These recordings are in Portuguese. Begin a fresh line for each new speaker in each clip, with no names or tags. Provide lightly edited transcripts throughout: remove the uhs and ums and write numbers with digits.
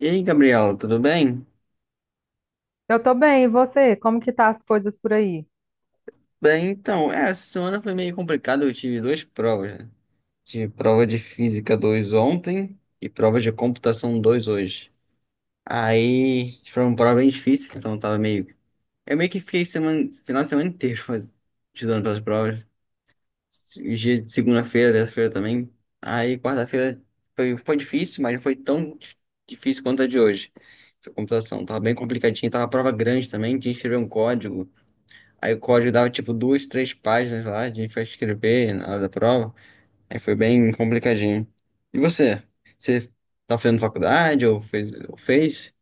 E aí, Gabriela, tudo bem?
Eu tô bem, e você? Como que tá as coisas por aí?
Bem, então, essa semana foi meio complicado, eu tive duas provas, né? Tive prova de Física 2 ontem e prova de Computação 2 hoje. Aí, foi uma prova bem difícil, então eu tava meio. Eu meio que fiquei semana, final de semana inteiro estudando para as provas. Os dias de segunda-feira, terça-feira também. Aí, quarta-feira foi difícil, mas não foi difícil quanto a de hoje. Foi Computação, tava bem complicadinho, tava prova grande também, tinha que escrever um código. Aí o código dava tipo duas, três páginas lá, a gente foi escrever na hora da prova. Aí foi bem complicadinho. E você? Você tá fazendo faculdade ou fez? Ou fez?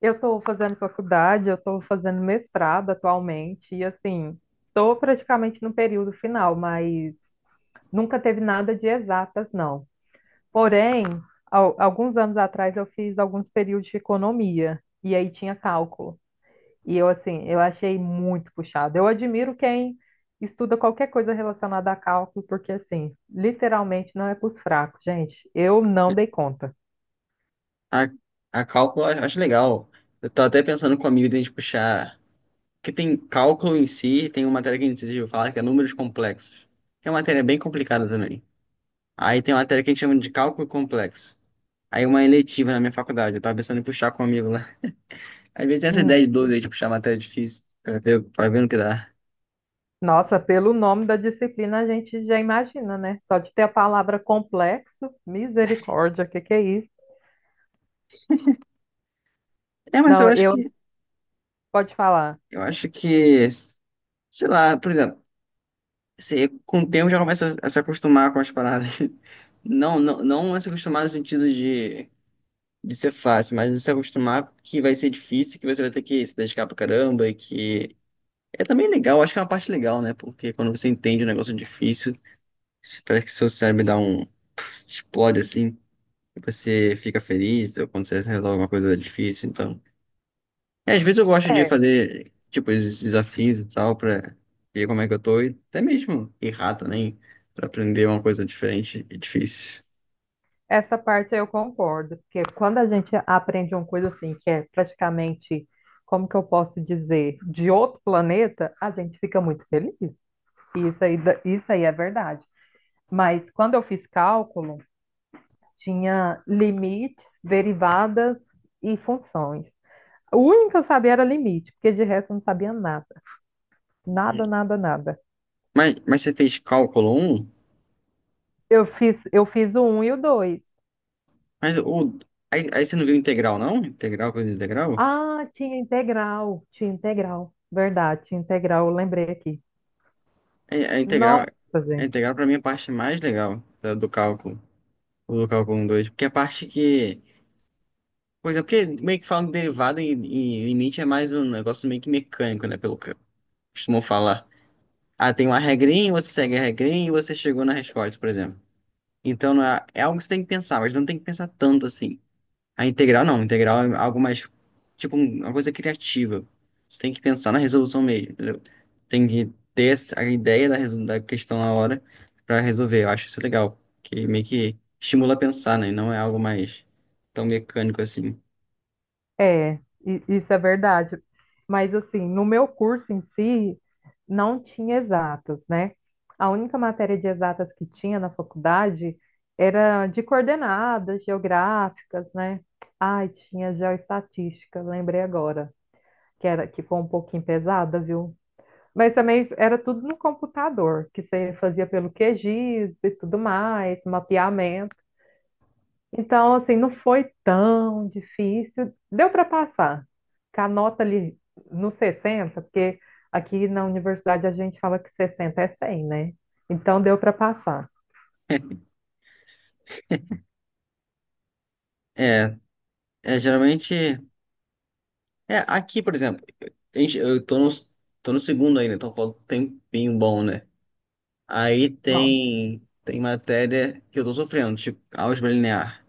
Eu estou fazendo faculdade, eu estou fazendo mestrado atualmente, e assim, estou praticamente no período final, mas nunca teve nada de exatas, não. Porém, alguns anos atrás eu fiz alguns períodos de economia, e aí tinha cálculo. E eu, assim, eu achei muito puxado. Eu admiro quem estuda qualquer coisa relacionada a cálculo, porque, assim, literalmente não é para os fracos, gente. Eu não dei conta.
A, a cálculo eu acho legal. Eu tô até pensando com a amigo de a gente puxar. Que tem cálculo em si, tem uma matéria que a gente decidiu falar que é números complexos. Que é uma matéria bem complicada também. Aí tem uma matéria que a gente chama de cálculo complexo. Aí uma eletiva na minha faculdade, eu tava pensando em puxar com um amigo lá. Às vezes tem essa ideia de doido aí de puxar matéria difícil, pra ver no que dá.
Nossa, pelo nome da disciplina a gente já imagina, né? Só de ter a palavra complexo, misericórdia, o que que é isso?
É, mas eu
Não,
acho
eu
que,
pode falar.
eu acho que, sei lá, por exemplo, você com o tempo já começa a se acostumar com as paradas. Não a se acostumar no sentido de ser fácil, mas de se acostumar que vai ser difícil, que você vai ter que se dedicar pra caramba e que é também legal, acho que é uma parte legal, né? Porque quando você entende um negócio difícil, parece que seu cérebro dá um explode assim, e você fica feliz, ou quando você resolve alguma coisa difícil, então. É, às vezes eu gosto de
É,
fazer, tipo, esses desafios e tal, pra ver como é que eu tô, e até mesmo errar também, pra aprender uma coisa diferente e difícil.
essa parte eu concordo, porque quando a gente aprende uma coisa assim, que é praticamente, como que eu posso dizer, de outro planeta, a gente fica muito feliz. E isso aí é verdade. Mas quando eu fiz cálculo, tinha limites, derivadas e funções. O único que eu sabia era limite, porque de resto eu não sabia nada. Nada, nada, nada.
Mas você fez cálculo um.
Eu fiz o um e o dois.
Mas o, aí você não viu integral, não? Integral, coisa de integral?
Ah, tinha integral, tinha integral. Verdade, tinha integral, eu lembrei aqui.
É,
Nossa,
a
gente.
integral pra mim é a parte mais legal do cálculo, ou do cálculo 1, 2, porque é a parte que, pois é, porque meio que falam de derivada e limite é mais um negócio meio que mecânico, né, pelo que costumam falar. Ah, tem uma regrinha, você segue a regrinha e você chegou na resposta, por exemplo. Então não é, é algo que você tem que pensar, mas não tem que pensar tanto assim. A integral não, a integral é algo mais, tipo, uma coisa criativa. Você tem que pensar na resolução mesmo, entendeu? Tem que ter a ideia da questão na hora pra resolver. Eu acho isso legal, que meio que estimula a pensar, né? E não é algo mais tão mecânico assim.
É, isso é verdade. Mas assim, no meu curso em si, não tinha exatas, né? A única matéria de exatas que tinha na faculdade era de coordenadas geográficas, né? Ai, tinha geoestatística, lembrei agora. Que era que foi um pouquinho pesada, viu? Mas também era tudo no computador, que você fazia pelo QGIS e tudo mais, mapeamento. Então, assim, não foi tão difícil. Deu para passar. Com a nota ali no 60, porque aqui na universidade a gente fala que 60 é 100, né? Então, deu para passar.
É, é geralmente. É, aqui, por exemplo, eu tô no segundo ainda, então falta um tempinho bom, né? Aí
Bom,
tem matéria que eu tô sofrendo, tipo álgebra linear.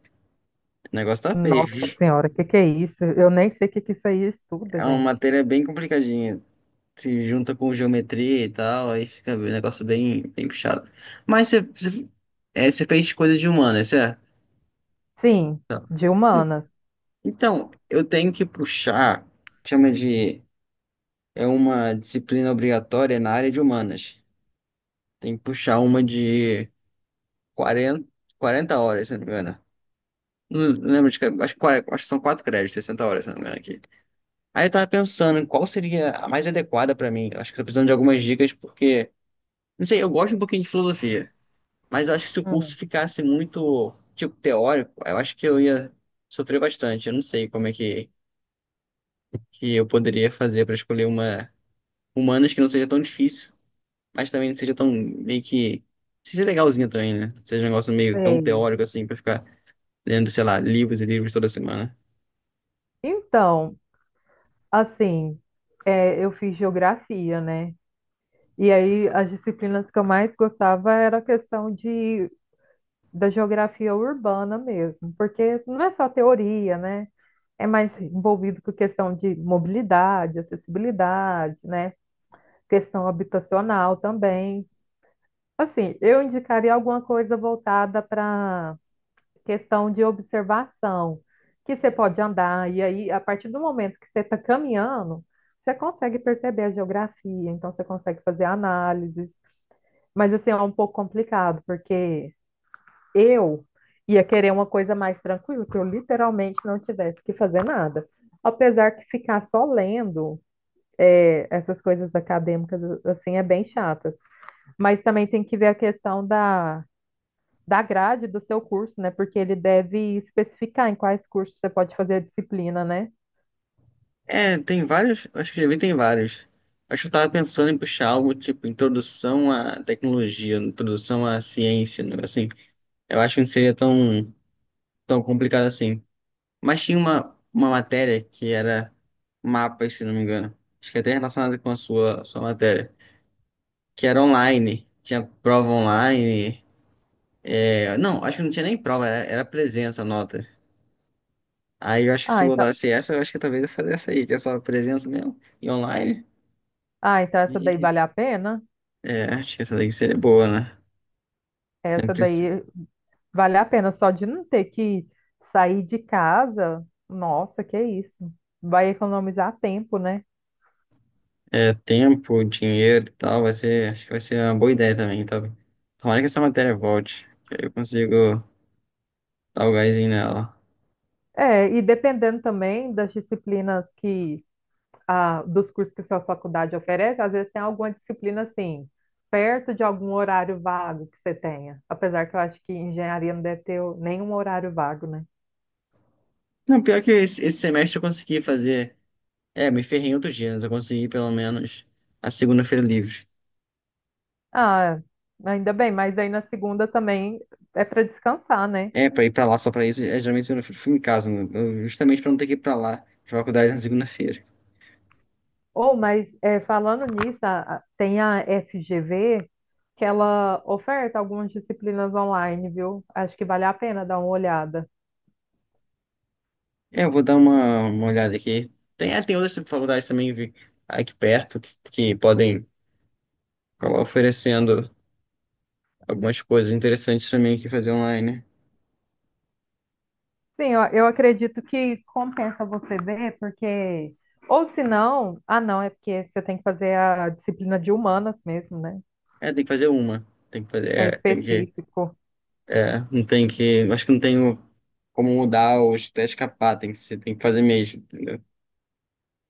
O negócio tá
nossa
feio.
senhora, o que que é isso? Eu nem sei o que que isso aí estuda,
É uma
gente.
matéria bem complicadinha. Se junta com geometria e tal, aí fica um negócio bem puxado. Mas você fez coisa de humana, é certo?
Sim, de humanas.
Então, eu tenho que puxar, chama de, é uma disciplina obrigatória na área de humanas. Tem que puxar uma de quarenta quarenta horas, se não me engano. Não, não lembro acho, acho que são 4 créditos, 60 horas, se não me engano aqui. Aí eu tava pensando em qual seria a mais adequada pra mim. Eu acho que tô precisando de algumas dicas, porque, não sei, eu gosto um pouquinho de filosofia, mas eu acho que se o curso
Hum.
ficasse muito, tipo, teórico, eu acho que eu ia sofrer bastante. Eu não sei como é que eu poderia fazer pra escolher uma humanas que não seja tão difícil, mas também não seja tão meio que. Seja legalzinha também, né? Seja um negócio meio tão
Sei.
teórico assim, pra ficar lendo, sei lá, livros e livros toda semana.
Então, assim, é, eu fiz geografia, né? E aí as disciplinas que eu mais gostava era a questão de, da geografia urbana mesmo, porque não é só teoria, né? É mais envolvido com questão de mobilidade, acessibilidade, né? Questão habitacional também. Assim, eu indicaria alguma coisa voltada para questão de observação, que você pode andar, e aí, a partir do momento que você está caminhando, você consegue perceber a geografia, então você consegue fazer análises, mas assim, é um pouco complicado, porque eu ia querer uma coisa mais tranquila, que eu literalmente não tivesse que fazer nada. Apesar que ficar só lendo é, essas coisas acadêmicas, assim, é bem chatas. Mas também tem que ver a questão da grade do seu curso, né? Porque ele deve especificar em quais cursos você pode fazer a disciplina, né?
É, tem vários, acho que já vi, tem vários. Acho que eu tava pensando em puxar algo tipo introdução à tecnologia, introdução à ciência, né? Assim, eu acho que não seria tão complicado assim. Mas tinha uma matéria que era mapas, se não me engano. Acho que até relacionada com a sua matéria, que era online, tinha prova online. Não, acho que não tinha nem prova, era presença, a nota. Aí eu acho que se
Ah, então,
botasse essa, eu acho que talvez eu fizesse essa aí, que é só presença mesmo, e online.
ah, então, essa daí vale a pena?
É, acho que essa daí seria boa, né?
Essa
Sempre se-
daí vale a pena só de não ter que sair de casa. Nossa, que isso. Vai economizar tempo, né?
é, tempo, dinheiro e tal, vai ser, acho que vai ser uma boa ideia também, tá? Tomara que essa matéria volte, que aí eu consigo dar o gásinho nela.
É, e dependendo também das disciplinas que dos cursos que sua faculdade oferece, às vezes tem alguma disciplina assim, perto de algum horário vago que você tenha. Apesar que eu acho que engenharia não deve ter nenhum horário vago, né?
Não, pior que esse semestre eu consegui fazer, é, me ferrei em outros dias, mas eu consegui pelo menos a segunda-feira livre.
Ah, ainda bem, mas aí na segunda também é para descansar, né?
É, pra ir pra lá só pra isso, é, geralmente segunda-feira eu fico em casa, né? Justamente pra não ter que ir pra lá, pra faculdade na segunda-feira.
Ou, mas é, falando nisso, tem a FGV que ela oferta algumas disciplinas online, viu? Acho que vale a pena dar uma olhada.
É, eu vou dar uma olhada aqui. Tem outras faculdades também aqui perto que podem acaba oferecendo algumas coisas interessantes também que fazer online.
Sim, eu acredito que compensa você ver, porque. Ou se não, ah, não, é porque você tem que fazer a disciplina de humanas mesmo, né?
É, tem que fazer uma. Tem que fazer,
É
é, tem que,
específico,
é, não tem que, acho que não tenho como mudar ou até escapar, tem que ser, tem que fazer mesmo, entendeu?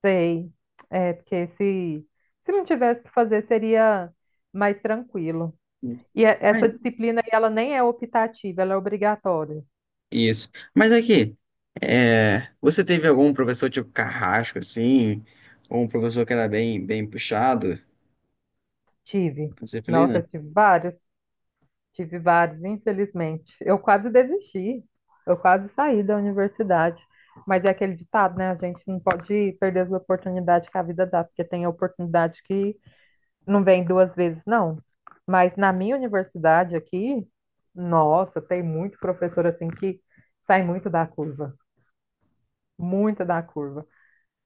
sei. É, porque se não tivesse que fazer, seria mais tranquilo. E
Mas,
essa disciplina, aí, ela nem é optativa, ela é obrigatória.
isso. Mas aqui, é, você teve algum professor tipo carrasco, assim, ou um professor que era bem puxado na
Tive. Nossa,
disciplina?
eu tive vários. Tive vários, infelizmente. Eu quase desisti, eu quase saí da universidade. Mas é aquele ditado, né? A gente não pode perder as oportunidades que a vida dá, porque tem oportunidade que não vem duas vezes, não. Mas na minha universidade aqui, nossa, tem muito professor assim que sai muito da curva, muito da curva.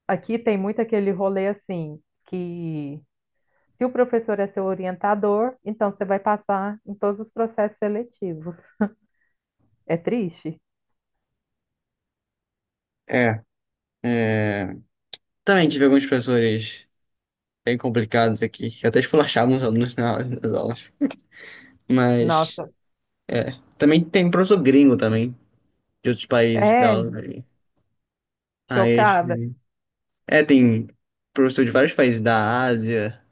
Aqui tem muito aquele rolê assim, que se o professor é seu orientador, então você vai passar em todos os processos seletivos. É triste?
É, é, também tive alguns professores bem complicados aqui, que até esculachavam os alunos nas aulas. Mas
Nossa,
também tem um professor gringo também, de outros países que dá
é,
aula. Acho
chocada.
é, tem professor de vários países da Ásia,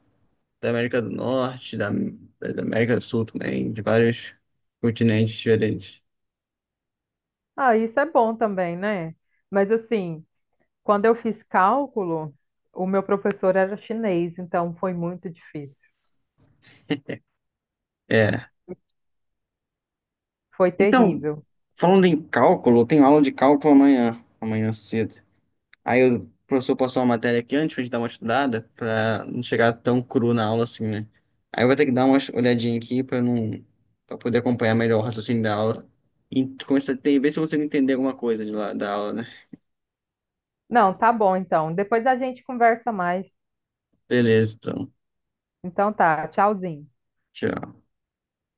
da América do Norte, da América do Sul também, de vários continentes diferentes.
Ah, isso é bom também, né? Mas assim, quando eu fiz cálculo, o meu professor era chinês, então foi muito difícil.
É.
Foi
Então,
terrível.
falando em cálculo, eu tenho aula de cálculo amanhã, amanhã cedo. Aí o professor passou uma matéria aqui antes pra gente dar uma estudada, pra não chegar tão cru na aula assim, né? Aí eu vou ter que dar uma olhadinha aqui pra não, para poder acompanhar melhor o raciocínio da aula e começar a ver se eu consigo entender alguma coisa de lá da aula, né?
Não, tá bom então. Depois a gente conversa mais.
Beleza, então.
Então tá, tchauzinho.
Tchau.